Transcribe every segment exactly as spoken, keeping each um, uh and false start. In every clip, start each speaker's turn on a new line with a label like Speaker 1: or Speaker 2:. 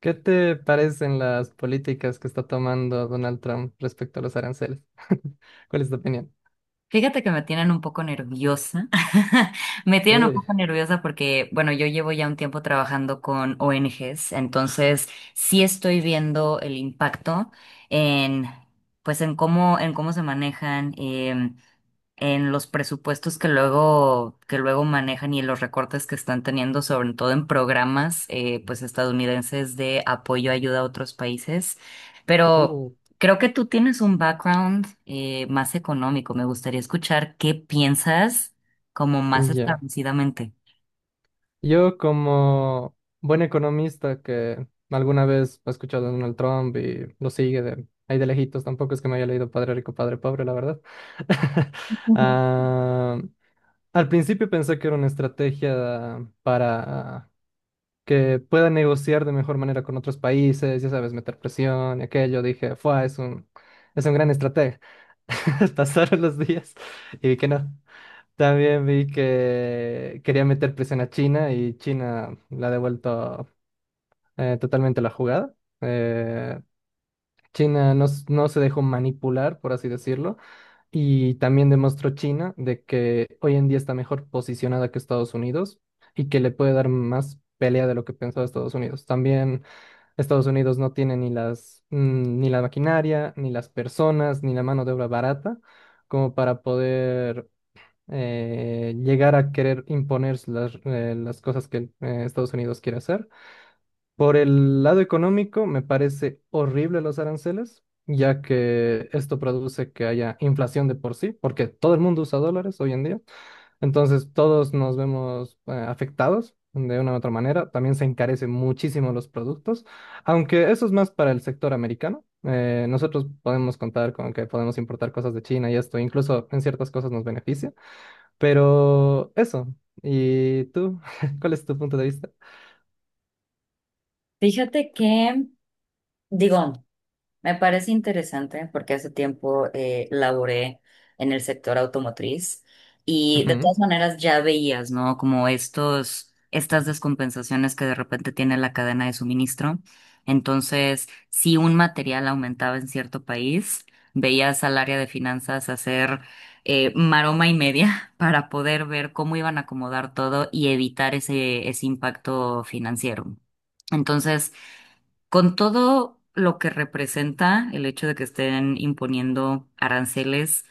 Speaker 1: ¿Qué te parecen las políticas que está tomando Donald Trump respecto a los aranceles? ¿Cuál es tu opinión?
Speaker 2: Fíjate que me tienen un poco nerviosa. Me tienen un
Speaker 1: Uy,
Speaker 2: poco nerviosa porque, bueno, yo llevo ya un tiempo trabajando con O eNe Ges, entonces sí estoy viendo el impacto en, pues, en cómo, en cómo se manejan. Em, en los presupuestos que luego, que luego manejan y en los recortes que están teniendo, sobre todo en programas eh, pues estadounidenses de apoyo, ayuda a otros países. Pero
Speaker 1: uh,
Speaker 2: creo que tú tienes un background eh, más económico. Me gustaría escuchar qué piensas como más
Speaker 1: ya.
Speaker 2: establecidamente.
Speaker 1: Yo, como buen economista que alguna vez ha escuchado a Donald Trump y lo sigue de ahí de lejitos, tampoco es que me haya leído Padre Rico, Padre Pobre, la verdad.
Speaker 2: Ujú.
Speaker 1: Ah, al principio pensé que era una estrategia para que pueda negociar de mejor manera con otros países, ya sabes, meter presión y aquello. Dije, fue, es un, es un gran estratega. Pasaron los días y vi que no. También vi que quería meter presión a China y China la ha devuelto eh, totalmente la jugada. Eh, China no, s- no se dejó manipular, por así decirlo. Y también demostró China de que hoy en día está mejor posicionada que Estados Unidos y que le puede dar más pelea de lo que pensaba Estados Unidos. También Estados Unidos no tiene ni las, mm, ni la maquinaria, ni las personas, ni la mano de obra barata como para poder eh, llegar a querer imponer las, eh, las cosas que eh, Estados Unidos quiere hacer. Por el lado económico, me parece horrible los aranceles, ya que esto produce que haya inflación de por sí, porque todo el mundo usa dólares hoy en día. Entonces todos nos vemos eh, afectados de una u otra manera. También se encarecen muchísimo los productos, aunque eso es más para el sector americano. Eh, nosotros podemos contar con que podemos importar cosas de China y esto incluso en ciertas cosas nos beneficia. Pero eso. ¿Y tú? ¿Cuál es tu punto de vista?
Speaker 2: Fíjate que, digo, me parece interesante porque hace tiempo eh, laboré en el sector automotriz y de
Speaker 1: Ujú,
Speaker 2: todas maneras ya veías, ¿no? Como estos, estas descompensaciones que de repente tiene la cadena de suministro. Entonces, si un material aumentaba en cierto país, veías al área de finanzas hacer eh, maroma y media para poder ver cómo iban a acomodar todo y evitar ese, ese impacto financiero. Entonces, con todo lo que representa el hecho de que estén imponiendo aranceles,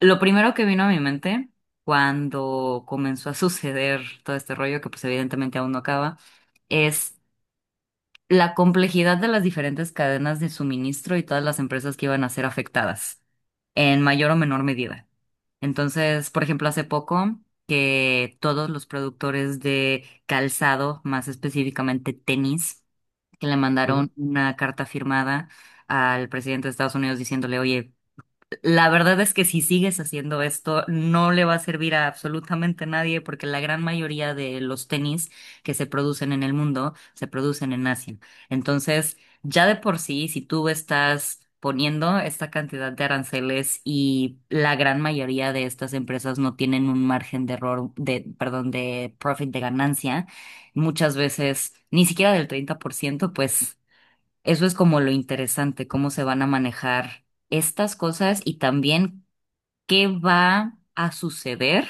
Speaker 2: lo primero que vino a mi mente cuando comenzó a suceder todo este rollo, que pues evidentemente aún no acaba, es la complejidad de las diferentes cadenas de suministro y todas las empresas que iban a ser afectadas, en mayor o menor medida. Entonces, por ejemplo, hace poco que todos los productores de calzado, más específicamente tenis, que le
Speaker 1: ujú.
Speaker 2: mandaron una carta firmada al presidente de Estados Unidos diciéndole, oye, la verdad es que si sigues haciendo esto, no le va a servir a absolutamente nadie porque la gran mayoría de los tenis que se producen en el mundo se producen en Asia. Entonces, ya de por sí, si tú estás poniendo esta cantidad de aranceles y la gran mayoría de estas empresas no tienen un margen de error, de, perdón, de profit, de ganancia, muchas veces ni siquiera del treinta por ciento, pues eso es como lo interesante, cómo se van a manejar estas cosas y también qué va a suceder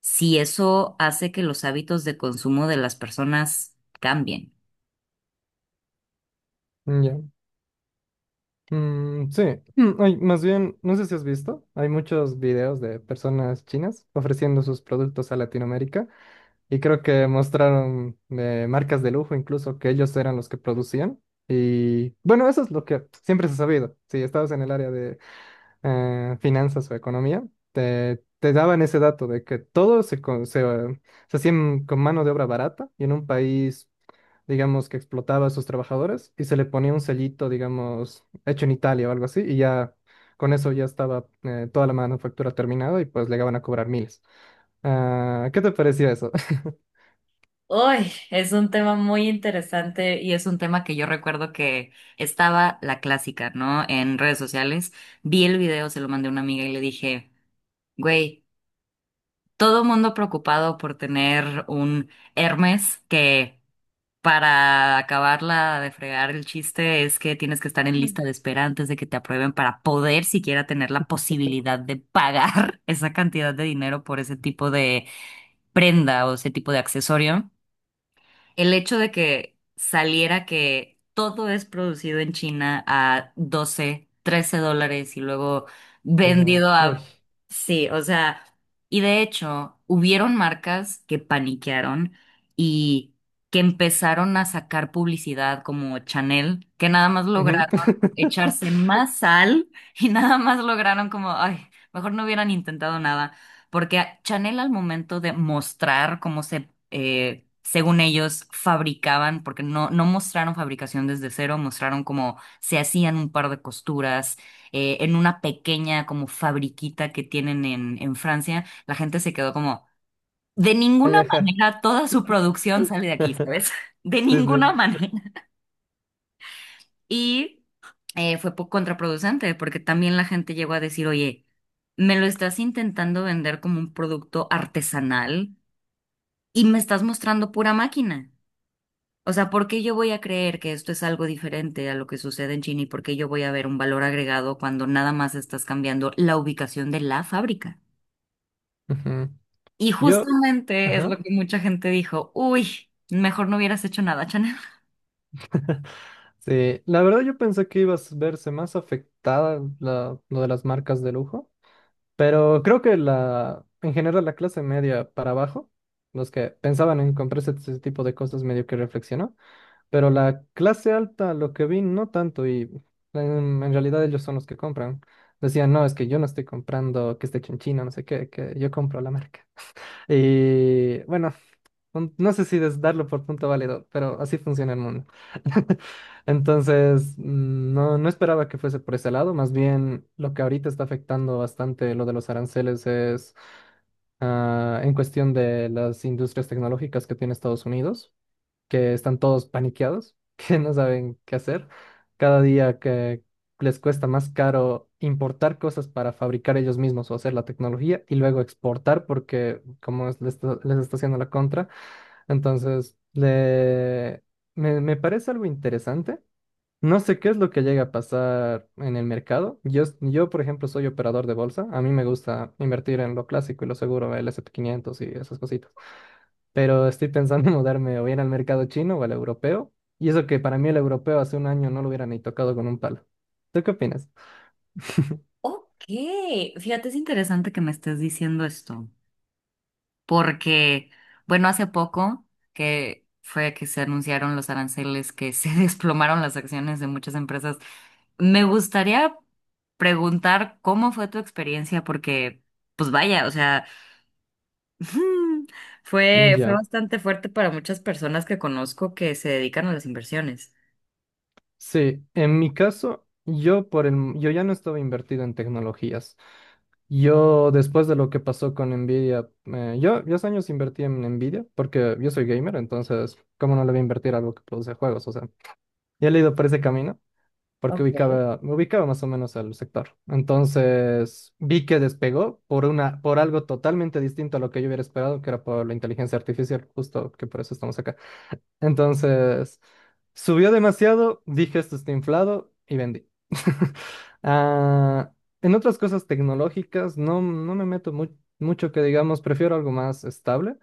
Speaker 2: si eso hace que los hábitos de consumo de las personas cambien.
Speaker 1: Ya. Mm, sí. Mm, ay, más bien, no sé si has visto, hay muchos videos de personas chinas ofreciendo sus productos a Latinoamérica. Y creo que mostraron eh, marcas de lujo, incluso que ellos eran los que producían. Y bueno, eso es lo que siempre se ha sabido. Si estabas en el área de eh, finanzas o economía, te, te daban ese dato de que todo se, con- se, eh, se hacía en- con mano de obra barata y en un país, digamos, que explotaba a sus trabajadores y se le ponía un sellito, digamos, hecho en Italia o algo así, y ya con eso ya estaba eh, toda la manufactura terminada y pues llegaban a cobrar miles. Ah, ¿qué te pareció eso?
Speaker 2: Uy, es un tema muy interesante y es un tema que yo recuerdo que estaba la clásica, ¿no? En redes sociales. Vi el video, se lo mandé a una amiga y le dije, güey, todo mundo preocupado por tener un Hermes que, para acabarla de fregar, el chiste es que tienes que estar en lista de espera antes de que te aprueben para poder siquiera tener la posibilidad de pagar esa cantidad de dinero por ese tipo de prenda o ese tipo de accesorio. El hecho de que saliera que todo es producido en China a doce trece dólares y luego
Speaker 1: Sí,
Speaker 2: vendido
Speaker 1: uy.
Speaker 2: a... Sí, o sea, y de hecho, hubieron marcas que paniquearon y que empezaron a sacar publicidad como Chanel, que nada más
Speaker 1: Ujú.
Speaker 2: lograron echarse más sal y nada más lograron como, ay, mejor no hubieran intentado nada. Porque a- Chanel al momento de mostrar cómo se, eh, según ellos, fabricaban, porque no, no mostraron fabricación desde cero, mostraron cómo se hacían un par de costuras eh, en una pequeña como fabriquita que tienen en, en Francia, la gente se quedó como, de ninguna
Speaker 1: Ay, ajá.
Speaker 2: manera toda su producción sale de aquí, ¿sabes? De
Speaker 1: Sí, sí.
Speaker 2: ninguna manera. Y eh, fue po- contraproducente, porque también la gente llegó a decir, oye, me lo estás intentando vender como un producto artesanal y me estás mostrando pura máquina. O sea, ¿por qué yo voy a creer que esto es algo diferente a lo que sucede en China y por qué yo voy a ver un valor agregado cuando nada más estás cambiando la ubicación de la fábrica?
Speaker 1: Ujú.
Speaker 2: Y
Speaker 1: Yo,
Speaker 2: justamente es
Speaker 1: ajá.
Speaker 2: lo que mucha gente dijo, uy, mejor no hubieras hecho nada, Chanel.
Speaker 1: Sí, la verdad yo pensé que ibas a verse más afectada la- lo de las marcas de lujo, pero creo que la, en general la clase media para abajo, los que pensaban en comprarse ese tipo de cosas medio que reflexionó, pero la clase alta lo que vi no tanto y en, en realidad ellos son los que compran. Decían, no, es que yo no estoy comprando que esté hecho en China, no sé qué, que yo compro la marca. Y bueno, un- no sé si des- darlo por punto válido, pero así funciona el mundo. Entonces, mm, no, no esperaba que fuese por ese lado. Más bien, lo que ahorita está afectando bastante lo de los aranceles es ah, en cuestión de las industrias tecnológicas que tiene Estados Unidos, que están todos paniqueados, que no saben qué hacer. Cada día que les cuesta más caro importar cosas para fabricar ellos mismos o hacer la tecnología y luego exportar porque como es- les está, les está haciendo la contra. Entonces, le- me, me parece algo interesante. No sé qué es lo que llega a pasar en el mercado. Yo, s- yo, por ejemplo, soy operador de bolsa. A mí me gusta invertir en lo clásico y lo seguro, el S y P quinientos y esas cositas, pero estoy pensando en mudarme o bien al mercado chino o al europeo. Y eso que para mí el europeo hace un año no lo hubiera ni tocado con un palo. ¿Tú qué opinas?
Speaker 2: Ok, fíjate, es interesante que me estés diciendo esto, porque, bueno, hace poco que fue que se anunciaron los aranceles, que se desplomaron las acciones de muchas empresas, me gustaría preguntar cómo fue tu experiencia, porque, pues vaya, o sea, fue, fue
Speaker 1: Ya,
Speaker 2: bastante fuerte para muchas personas que conozco que se dedican a las inversiones.
Speaker 1: sí, en mi caso, yo por el, m- yo ya no estaba invertido en tecnologías. Yo, después de lo que pasó con Nvidia, eh, yo, yo hace años invertí en Nvidia porque yo soy gamer, entonces, ¿cómo no le voy a invertir a algo que produce juegos? O sea, ya le he ido por ese camino, porque ubicaba, me ubicaba más o menos al sector. Entonces vi que despegó por una, por algo totalmente distinto a lo que yo hubiera esperado, que era por la inteligencia artificial, justo que por eso estamos acá. Entonces subió demasiado, dije esto está inflado y vendí. Ah, en otras cosas tecnológicas no, no me meto mu- mucho que digamos, prefiero algo más estable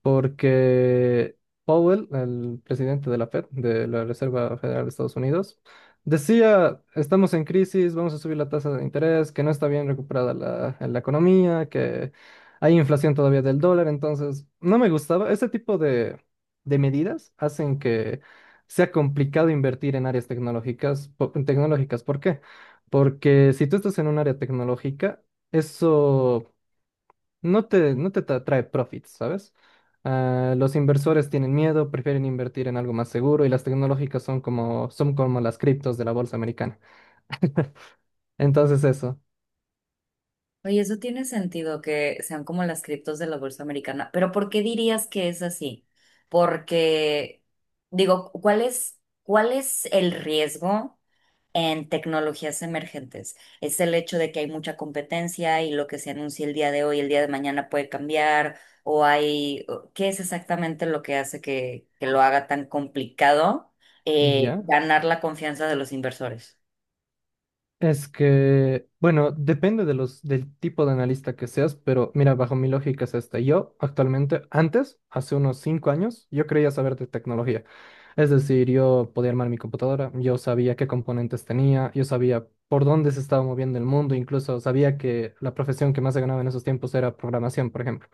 Speaker 1: porque Powell, el presidente de la Fed, de la Reserva Federal de Estados Unidos, decía, estamos en crisis, vamos a subir la tasa de interés, que no está bien recuperada la, la economía, que hay inflación todavía del dólar, entonces no me gustaba. Ese tipo de, de medidas hacen que sea complicado invertir en áreas tecnológicas. po- tecnológicas. ¿Por qué? Porque si tú estás en un área tecnológica, eso no te, no te tra- trae profits, ¿sabes? Ah, los inversores tienen miedo, prefieren invertir en algo más seguro, y las tecnológicas son como, son como las criptos de la bolsa americana. Entonces eso,
Speaker 2: Oye, eso tiene sentido que sean como las criptos de la bolsa americana, pero ¿por qué dirías que es así? Porque, digo, ¿cuál es, ¿cuál es el riesgo en tecnologías emergentes? ¿Es el hecho de que hay mucha competencia y lo que se anuncia el día de hoy, el día de mañana puede cambiar? ¿O hay, o- qué es exactamente lo que hace que, que lo haga tan complicado eh,
Speaker 1: ¿ya?
Speaker 2: ganar la confianza de los inversores?
Speaker 1: Es que, bueno, depende de los, del tipo de analista que seas, pero mira, bajo mi lógica es esta. Yo actualmente, antes, hace unos cinco años, yo creía saber de tecnología. Es decir, yo podía armar mi computadora, yo sabía qué componentes tenía, yo sabía por dónde se estaba moviendo el mundo, incluso sabía que la profesión que más se ganaba en esos tiempos era programación, por ejemplo.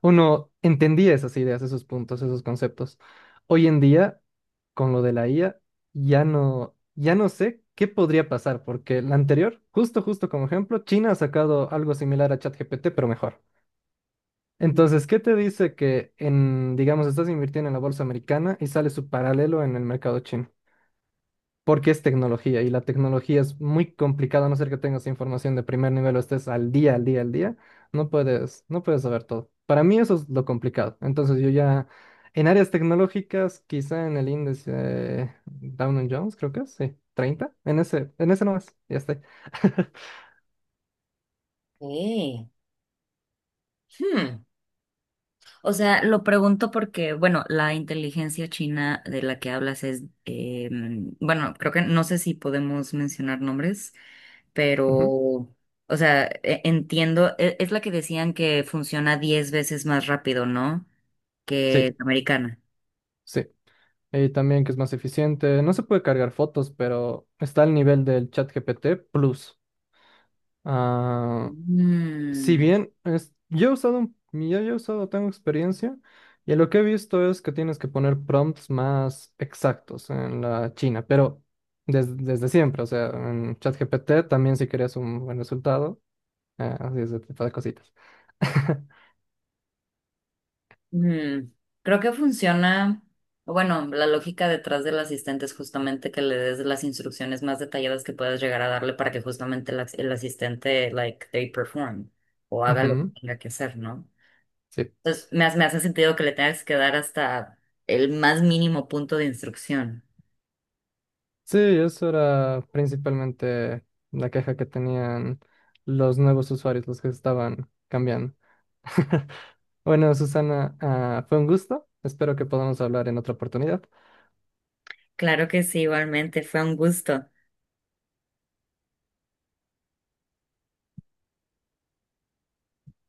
Speaker 1: Uno entendía esas ideas, esos puntos, esos conceptos. Hoy en día, con lo de la I A, ya no, ya no sé qué podría pasar, porque la anterior, justo, justo como ejemplo, China ha sacado algo similar a ChatGPT, pero mejor. Entonces, ¿qué te dice que en, digamos, estás invirtiendo en la bolsa americana y sale su paralelo en el mercado chino? Porque es tecnología y la tecnología es muy complicada, a no ser que tengas información de primer nivel o estés al día, al día, al día. No puedes, no puedes saber todo. Para mí eso es lo complicado. Entonces yo ya, en áreas tecnológicas, quizá en el índice eh, Dow Jones, creo que es, sí, treinta, en ese, en ese nomás, ya estoy.
Speaker 2: Sí. O sea, lo pregunto porque, bueno, la inteligencia china de la que hablas es, eh, bueno, creo que no sé si podemos mencionar nombres,
Speaker 1: Ujú.
Speaker 2: pero, o sea, e- entiendo, e- es la que decían que funciona diez veces más rápido, ¿no?
Speaker 1: Sí,
Speaker 2: Que la americana.
Speaker 1: sí. Y también que es más eficiente. No se puede cargar fotos, pero está al nivel del ChatGPT Plus. Ah, si
Speaker 2: Mm.
Speaker 1: bien es, yo he usado, un- yo ya he usado, tengo experiencia, y lo que he visto es que tienes que poner prompts más exactos en la China, pero des- desde siempre, o sea, en ChatGPT también, si querías un buen resultado, eh, así ese tipo de cositas.
Speaker 2: Mm, creo que funciona, bueno, la lógica detrás del asistente es justamente que le des las instrucciones más detalladas que puedas llegar a darle para que justamente el, as- el asistente, like, they perform o haga lo que
Speaker 1: Ujú,
Speaker 2: tenga que hacer, ¿no?
Speaker 1: sí.
Speaker 2: Entonces, me, hace- me hace sentido que le tengas que dar hasta el más mínimo punto de instrucción.
Speaker 1: Sí, eso era principalmente la queja que tenían los nuevos usuarios, los que estaban cambiando. Bueno, Susana, ah, fue un gusto. Espero que podamos hablar en otra oportunidad.
Speaker 2: Claro que sí, igualmente, fue un gusto.